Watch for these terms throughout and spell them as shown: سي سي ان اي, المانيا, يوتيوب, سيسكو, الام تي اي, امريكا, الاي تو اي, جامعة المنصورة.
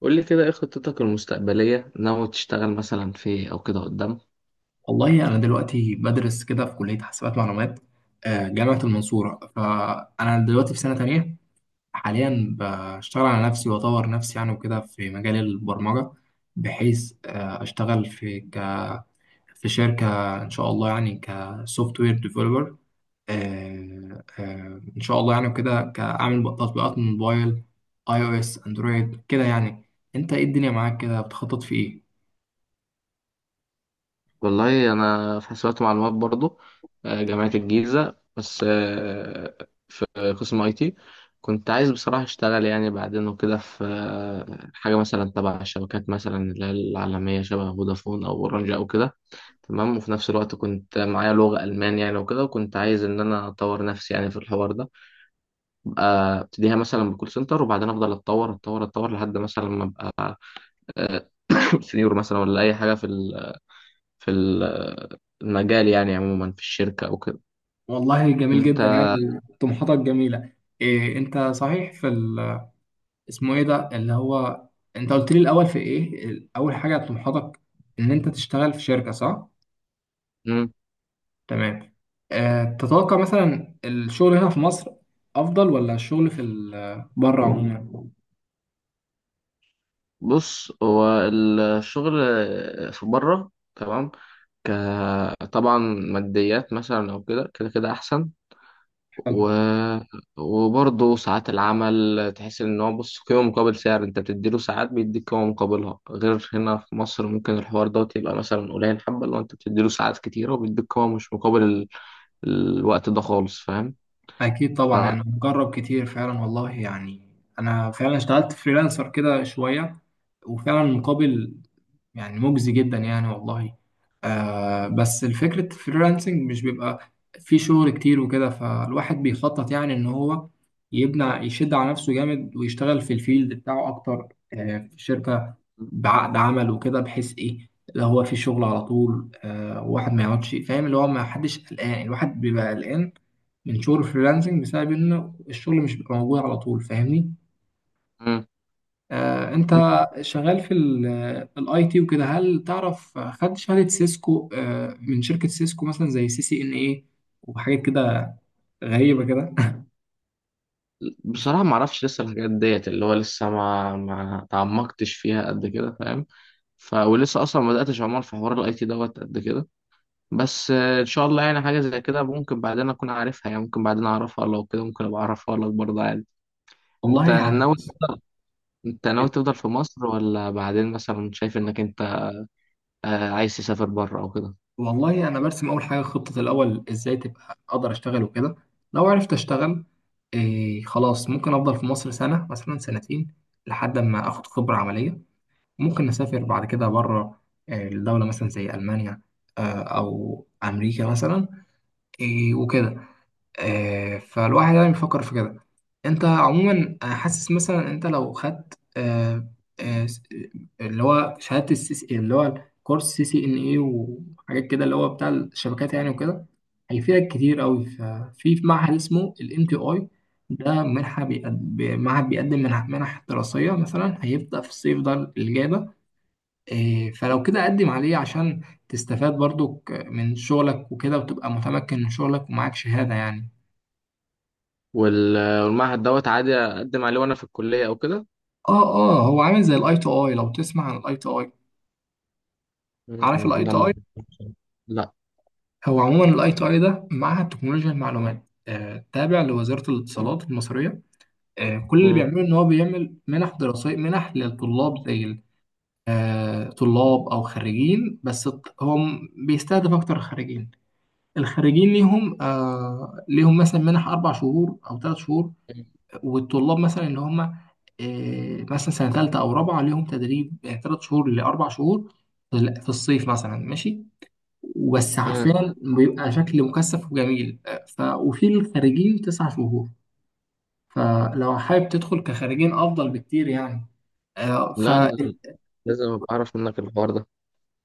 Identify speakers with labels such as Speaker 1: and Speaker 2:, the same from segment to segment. Speaker 1: قول لي كده ايه خطتك المستقبلية؟ ناوي تشتغل مثلا في إيه او كده قدام؟
Speaker 2: والله أنا دلوقتي بدرس كده في كلية حاسبات معلومات، جامعة المنصورة. فأنا دلوقتي في سنة تانية حاليا. بشتغل على نفسي وأطور نفسي يعني وكده في مجال البرمجة، بحيث أشتغل في في شركة إن شاء الله، يعني كسوفت وير ديفلوبر. إن شاء الله يعني وكده كأعمل تطبيقات موبايل، أي أو إس أندرويد كده يعني. أنت إيه الدنيا معاك كده بتخطط في إيه؟
Speaker 1: والله انا في حسابات ومعلومات برضو. جامعة الجيزة. بس في قسم اي تي. كنت عايز بصراحة اشتغل يعني بعدين وكده في حاجة مثلا تبع الشبكات، مثلا اللي هي العالمية شبه فودافون او اورنج او كده. تمام. وفي نفس الوقت كنت معايا لغة ألمان يعني وكده، وكنت عايز إن أنا أطور نفسي يعني في الحوار ده. أبقى أبتديها مثلا بكول سنتر، وبعدين أفضل أتطور أتطور أتطور لحد مثلا ما أبقى آه، سنيور، مثلا ولا اي حاجه في ال- المجال يعني عموما في الشركه او كده.
Speaker 2: والله جميل
Speaker 1: انت.
Speaker 2: جدا يعني. طموحاتك جميلة. إيه انت صحيح في اسمه ايه ده اللي هو، انت قلت لي الاول في ايه اول حاجة طموحاتك ان انت تشتغل في شركة، صح؟
Speaker 1: مم.
Speaker 2: تمام. آه تتوقع مثلا الشغل هنا في مصر افضل ولا الشغل في بره عموما؟
Speaker 1: بص هو الشغل في بره تمام. طبعا ماديات مثلا او كده كده كده احسن.
Speaker 2: حلو.
Speaker 1: و... وبرضه ساعات العمل، تحس ان هو بص قيمه مقابل سعر. انت بتديله ساعات، بيديك قيمه مقابلها. غير هنا في مصر ممكن الحوار دوت يبقى مثلا قليل حبه، لو انت بتديله ساعات كتيره وبيديك قيمه مش مقابل الوقت ده خالص.
Speaker 2: اكيد طبعا
Speaker 1: فاهم.
Speaker 2: يعني، مجرب كتير فعلا والله يعني. انا فعلا اشتغلت فريلانسر كده شوية، وفعلا مقابل يعني مجزي جدا يعني والله. آه بس الفكرة الفريلانسنج مش بيبقى في شغل كتير وكده، فالواحد بيخطط يعني ان هو يبنى يشد على نفسه جامد، ويشتغل في الفيلد بتاعه اكتر آه في شركة بعقد عمل وكده، بحيث ايه اللي هو في شغل على طول آه، واحد ما يقعدش، فاهم اللي هو ما حدش قلقان. الواحد بيبقى قلقان من شغل الفريلانسنج بسبب ان الشغل مش بيبقى موجود على طول، فاهمني؟
Speaker 1: مم.
Speaker 2: انت
Speaker 1: انت-
Speaker 2: شغال في الاي تي وكده، هل تعرف خدت شهادة سيسكو من شركة سيسكو مثلا زي سي سي ان ايه وحاجات كده غريبة كده؟
Speaker 1: بصراحة ما اعرفش لسه الحاجات ديت، اللي هو لسه ما تعمقتش فيها قد كده. فاهم. ولسه اصلا ما بداتش عمال في حوار الاي تي دوت قد كده. بس ان شاء الله يعني حاجة زي كده ممكن بعدين اكون عارفها، يعني ممكن بعدين اعرفها لو كده، ممكن ابقى اعرفها لك برضه عادي. انت
Speaker 2: والله يعني
Speaker 1: ناوي
Speaker 2: بص.
Speaker 1: انت ناوي تفضل في مصر، ولا بعدين مثلا شايف انك انت عايز تسافر بره او كده؟
Speaker 2: والله انا برسم اول حاجة خطة، الاول ازاي تبقى اقدر اشتغل وكده. لو عرفت اشتغل، إيه خلاص ممكن افضل في مصر سنة مثلا سنتين لحد ما اخد خبرة عملية، ممكن اسافر بعد كده بره، الدولة مثلا زي المانيا، او امريكا مثلا، إيه وكده. فالواحد يعني بيفكر في كده. انت عموما حاسس مثلا انت لو خدت آه، س- اللي هو شهادة السي سي اللي هو كورس سي سي ان اي وحاجات كده اللي هو بتاع الشبكات يعني وكده، هيفيدك كتير قوي. ففي معهد اسمه الام تي اي. ده منحة معهد بيقدم منح دراسية مثلا، هيبدأ في الصيف ده اللي جاي ده. إيه، فلو كده قدم عليه عشان تستفاد برضك من شغلك وكده، وتبقى متمكن من شغلك ومعاك شهادة يعني.
Speaker 1: والمعهد دوت عادي اقدم عليه وانا في الكلية او كده؟
Speaker 2: اه اه، هو عامل زي الاي تو اي، لو تسمع عن الاي تو اي.
Speaker 1: مم،
Speaker 2: عارف
Speaker 1: مم،
Speaker 2: الاي تو اي؟
Speaker 1: لما. لا.
Speaker 2: هو عموما الاي تو اي ده معهد تكنولوجيا المعلومات، تابع لوزارة الاتصالات المصرية. كل اللي بيعمله ان هو بيعمل منح دراسية، منح للطلاب زي طلاب او خريجين، بس بيستهدف اكتر الخريجين. الخريجين ليهم آه ليهم مثلا منح 4 شهور او 3 شهور. والطلاب مثلا اللي هم مثلا سنه ثالثه او رابعه ليهم تدريب يعني 3 شهور لاربع شهور في في الصيف مثلا ماشي، بس
Speaker 1: مم.
Speaker 2: حرفيا بيبقى شكل مكثف وجميل. آه، ف وفي الخارجين 9 شهور. فلو حابب تدخل كخارجين افضل بكتير يعني. آه، ف
Speaker 1: لا، أنا لازم أبقى أعرف منك الحوار ده.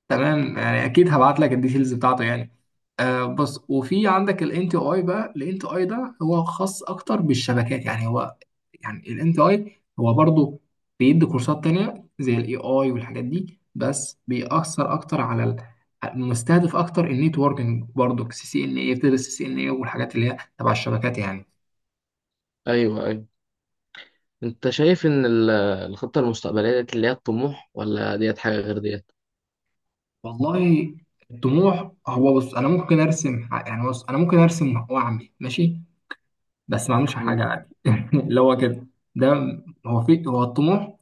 Speaker 2: تمام يعني، اكيد هبعت لك الديتيلز بتاعته يعني. آه بص، وفي عندك الان تي اي بقى. الان تي اي ده هو خاص اكتر بالشبكات يعني، هو يعني الان تي اي هو برضو بيدي كورسات تانية زي الاي اي والحاجات دي، بس بيأثر اكتر على مستهدف اكتر النيتوركينج. برضو سي سي ان اي، بتدرس سي سي ان اي والحاجات اللي هي تبع الشبكات يعني.
Speaker 1: أيوه، أيوه. أنت شايف إن الخطة المستقبلية ديت، اللي هي الطموح، ولا ديت حاجة غير ديت؟
Speaker 2: والله الطموح هو بص، انا ممكن ارسم يعني بص انا ممكن ارسم واعمل ماشي، بس ما عملش
Speaker 1: مم.
Speaker 2: حاجة عادي. اللي هو كده، ده هو في هو الطموح.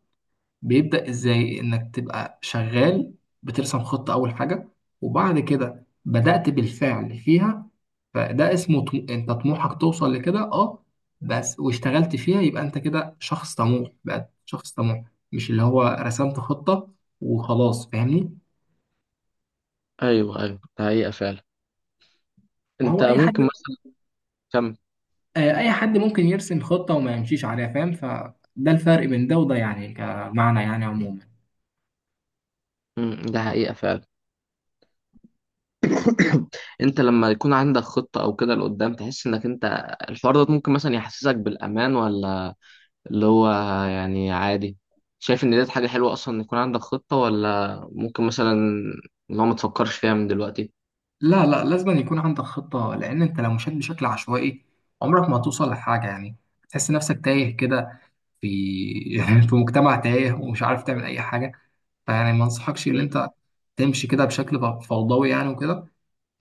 Speaker 2: بيبدأ ازاي انك تبقى شغال، بترسم خطة اول حاجة وبعد كده بدأت بالفعل فيها، فده اسمه انت طموحك توصل لكده اه، بس واشتغلت فيها يبقى انت كده شخص طموح، بقى شخص طموح، مش اللي هو رسمت خطة وخلاص فاهمني.
Speaker 1: أيوه، أيوه، ده حقيقة فعلا.
Speaker 2: ما
Speaker 1: أنت
Speaker 2: هو اي حد،
Speaker 1: ممكن مثلا كم.
Speaker 2: اي حد ممكن يرسم خطة وما يمشيش عليها فاهم. فده الفرق بين ده وده يعني كمعنى يعني عموما.
Speaker 1: مم، ده حقيقة فعلا. أنت لما يكون عندك خطة أو كده لقدام، تحس إنك أنت الحوار ده ممكن مثلا يحسسك بالأمان، ولا اللي هو يعني عادي؟ شايف إن ديت حاجة حلوة أصلا إن يكون عندك خطة، ولا ممكن مثلا اللي هو ما تفكرش فيها من دلوقتي؟
Speaker 2: لا لا، لازم أن يكون عندك خطة، لأن أنت لو مشيت بشكل عشوائي عمرك ما هتوصل لحاجة يعني. تحس نفسك تايه كده في في مجتمع تايه، ومش عارف تعمل أي حاجة. فيعني ما أنصحكش إن
Speaker 1: مم.
Speaker 2: أنت تمشي كده بشكل فوضوي يعني وكده.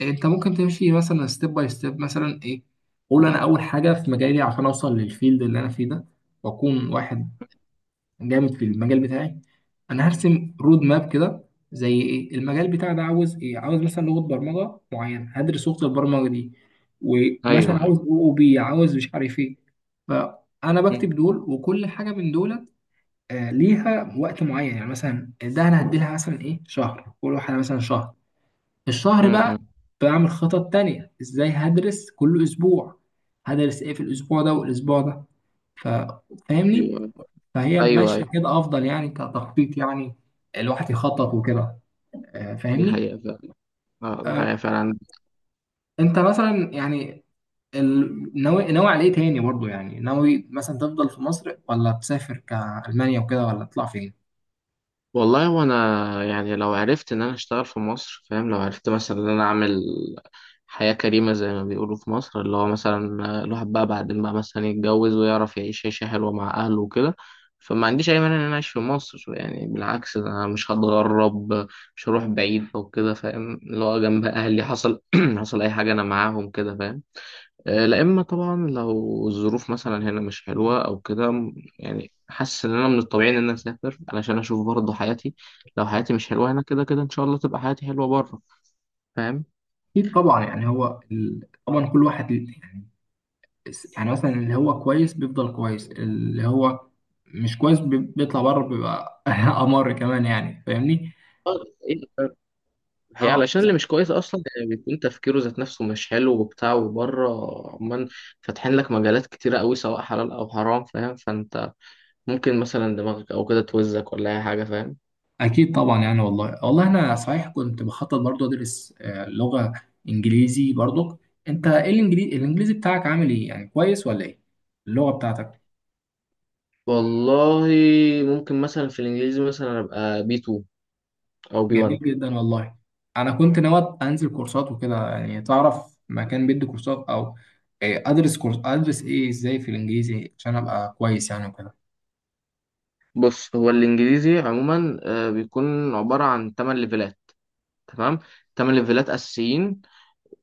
Speaker 2: أنت ممكن تمشي مثلا ستيب باي ستيب، مثلا إيه، قول أنا أول حاجة في مجالي عشان أوصل للفيلد اللي أنا فيه ده، وأكون واحد جامد في المجال بتاعي. انا هرسم رود ماب كده، زي ايه المجال بتاعي ده عاوز ايه، عاوز مثلا لغه برمجه معينه، هدرس لغه البرمجه دي، ومثلا
Speaker 1: أيوه.
Speaker 2: عاوز او او بي، عاوز مش عارف ايه. فانا بكتب
Speaker 1: مم.
Speaker 2: دول، وكل حاجه من دول ليها وقت معين يعني، مثلا ده انا هديلها مثلا ايه شهر، كل واحده مثلا شهر. الشهر بقى
Speaker 1: مم.
Speaker 2: بعمل خطط تانية ازاي هدرس كل اسبوع، هدرس ايه في الاسبوع ده والاسبوع ده. ف-
Speaker 1: ايوه،
Speaker 2: فاهمني.
Speaker 1: ايوه،
Speaker 2: فهي ماشيه
Speaker 1: ايوه،
Speaker 2: كده افضل يعني كتخطيط يعني، الواحد يخطط وكده.
Speaker 1: دي
Speaker 2: فاهمني.
Speaker 1: حقيقة فعلا. اه، دي
Speaker 2: آه،
Speaker 1: حقيقة فعلا.
Speaker 2: انت مثلا يعني ناوي على ايه تاني برضو يعني؟ ناوي مثلا تفضل في مصر، ولا تسافر كألمانيا وكده، ولا تطلع فين؟
Speaker 1: والله، وانا يعني لو عرفت ان انا اشتغل في مصر، فاهم، لو عرفت مثلا ان انا اعمل حياة كريمة زي ما بيقولوا في مصر، اللي هو مثلا الواحد بقى بعدين بقى مثلا يتجوز ويعرف يعيش عيشة حلوة مع اهله وكده. فما عنديش اي مانع ان انا اعيش في مصر، يعني بالعكس ده انا مش هتغرب. مش هروح بعيد او كده. فاهم، اللي هو جنب اهلي، حصل حصل اي حاجة انا معاهم كده. فاهم. لا اما طبعا لو الظروف مثلا هنا مش حلوه او كده، يعني حاسس ان انا من الطبيعي ان انا اسافر علشان اشوف برضه حياتي. لو حياتي مش حلوه هنا، كده كده ان شاء الله تبقى حياتي حلوه بره. فاهم.
Speaker 2: اكيد طبعا يعني، هو طبعا كل واحد يعني يعني مثلا اللي هو كويس بيفضل كويس، اللي هو مش كويس بيطلع بره بيبقى امر كمان يعني فاهمني
Speaker 1: آه، إيه، آه، هي
Speaker 2: اه.
Speaker 1: علشان اللي مش كويس اصلا، يعني بيكون تفكيره ذات نفسه مش حلو وبتاع وبره. عمان فاتحين لك مجالات كتيره قوي سواء حلال او حرام. فاهم. فانت ممكن مثلا دماغك او كده توزك ولا اي حاجه. فاهم.
Speaker 2: أكيد طبعا يعني والله والله. أنا صحيح كنت بخطط برضو أدرس لغة إنجليزي برضو. أنت إيه الإنجليزي، الإنجليزي بتاعك عامل إيه يعني، كويس ولا إيه اللغة بتاعتك؟
Speaker 1: والله ممكن مثلا في الانجليزي مثلا ابقى بي 2 او بي
Speaker 2: جميل
Speaker 1: 1.
Speaker 2: جدا والله. أنا كنت ناوي أنزل كورسات وكده يعني، تعرف مكان بيدي كورسات أو أدرس كورس، أدرس إيه، إزاي في الإنجليزي عشان أبقى كويس يعني وكده.
Speaker 1: بص هو الانجليزي عموما بيكون عباره عن 8 ليفلات. تمام. 8 ليفلات اساسيين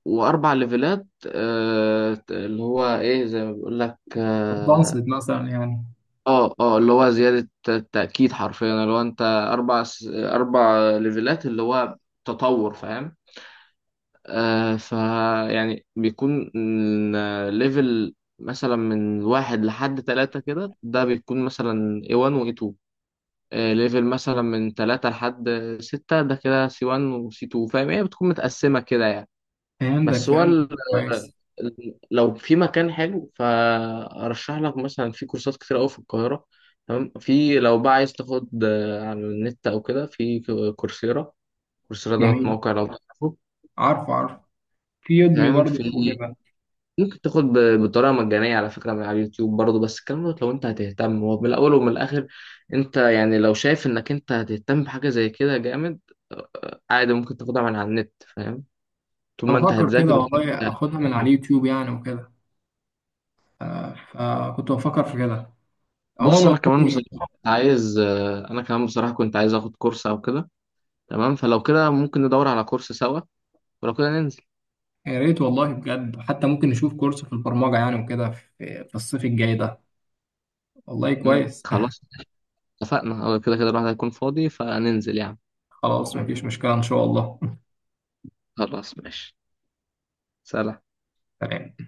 Speaker 1: واربع ليفلات اللي هو ايه زي ما بيقول لك اه.
Speaker 2: بنصت مثلا يعني.
Speaker 1: اه، اللي هو زياده التاكيد حرفيا، اللي هو انت اربع اربع ليفلات اللي هو تطور. فاهم. ف يعني بيكون ليفل مثلا من واحد لحد ثلاثة كده، ده بيكون مثلا A1 و A2. ليفل مثلا من تلاتة لحد ستة ده كده سي 1 وسي 2. فاهم، هي بتكون متقسمة كده يعني.
Speaker 2: فهمتك
Speaker 1: بس هو
Speaker 2: فهمت، كويس.
Speaker 1: لو في مكان حلو فأرشح لك مثلا في كورسات كتير أوي في القاهرة. تمام. في لو بقى عايز تاخد على النت أو كده في كورسيرا. كورسيرا دوت
Speaker 2: جميل.
Speaker 1: موقع لو تعرفه.
Speaker 2: عارف عارف، في يدمي
Speaker 1: فاهم.
Speaker 2: برضو
Speaker 1: في
Speaker 2: وكده.
Speaker 1: ممكن تاخد بطريقه مجانيه على فكره من على اليوتيوب برضه. بس الكلام ده لو انت هتهتم، هو من الاول ومن الاخر. انت يعني لو شايف انك انت هتهتم بحاجه زي كده جامد، آه، عادي ممكن تاخدها من على النت. فاهم. طول
Speaker 2: أنا
Speaker 1: ما انت
Speaker 2: بفكر
Speaker 1: هتذاكر
Speaker 2: كده
Speaker 1: وطول ما
Speaker 2: والله
Speaker 1: انت
Speaker 2: أخدها من على
Speaker 1: هتفهم.
Speaker 2: اليوتيوب يعني وكده. آه، فكنت بفكر في كده عموما.
Speaker 1: بص انا كمان
Speaker 2: والله
Speaker 1: بصراحه كنت عايز انا كمان بصراحه كنت عايز اخد كورس او كده. تمام. فلو كده ممكن ندور على كورس سوا، ولو كده ننزل.
Speaker 2: يا ريت والله، بجد حتى ممكن نشوف كورس في البرمجة يعني وكده في الصيف الجاي ده. والله
Speaker 1: مم،
Speaker 2: كويس.
Speaker 1: خلاص. اتفقنا، هو كده كده الواحد هيكون فاضي فننزل يعني.
Speaker 2: خلاص مفيش مشكلة إن شاء الله.
Speaker 1: خلاص ماشي. سلام.
Speaker 2: سلام.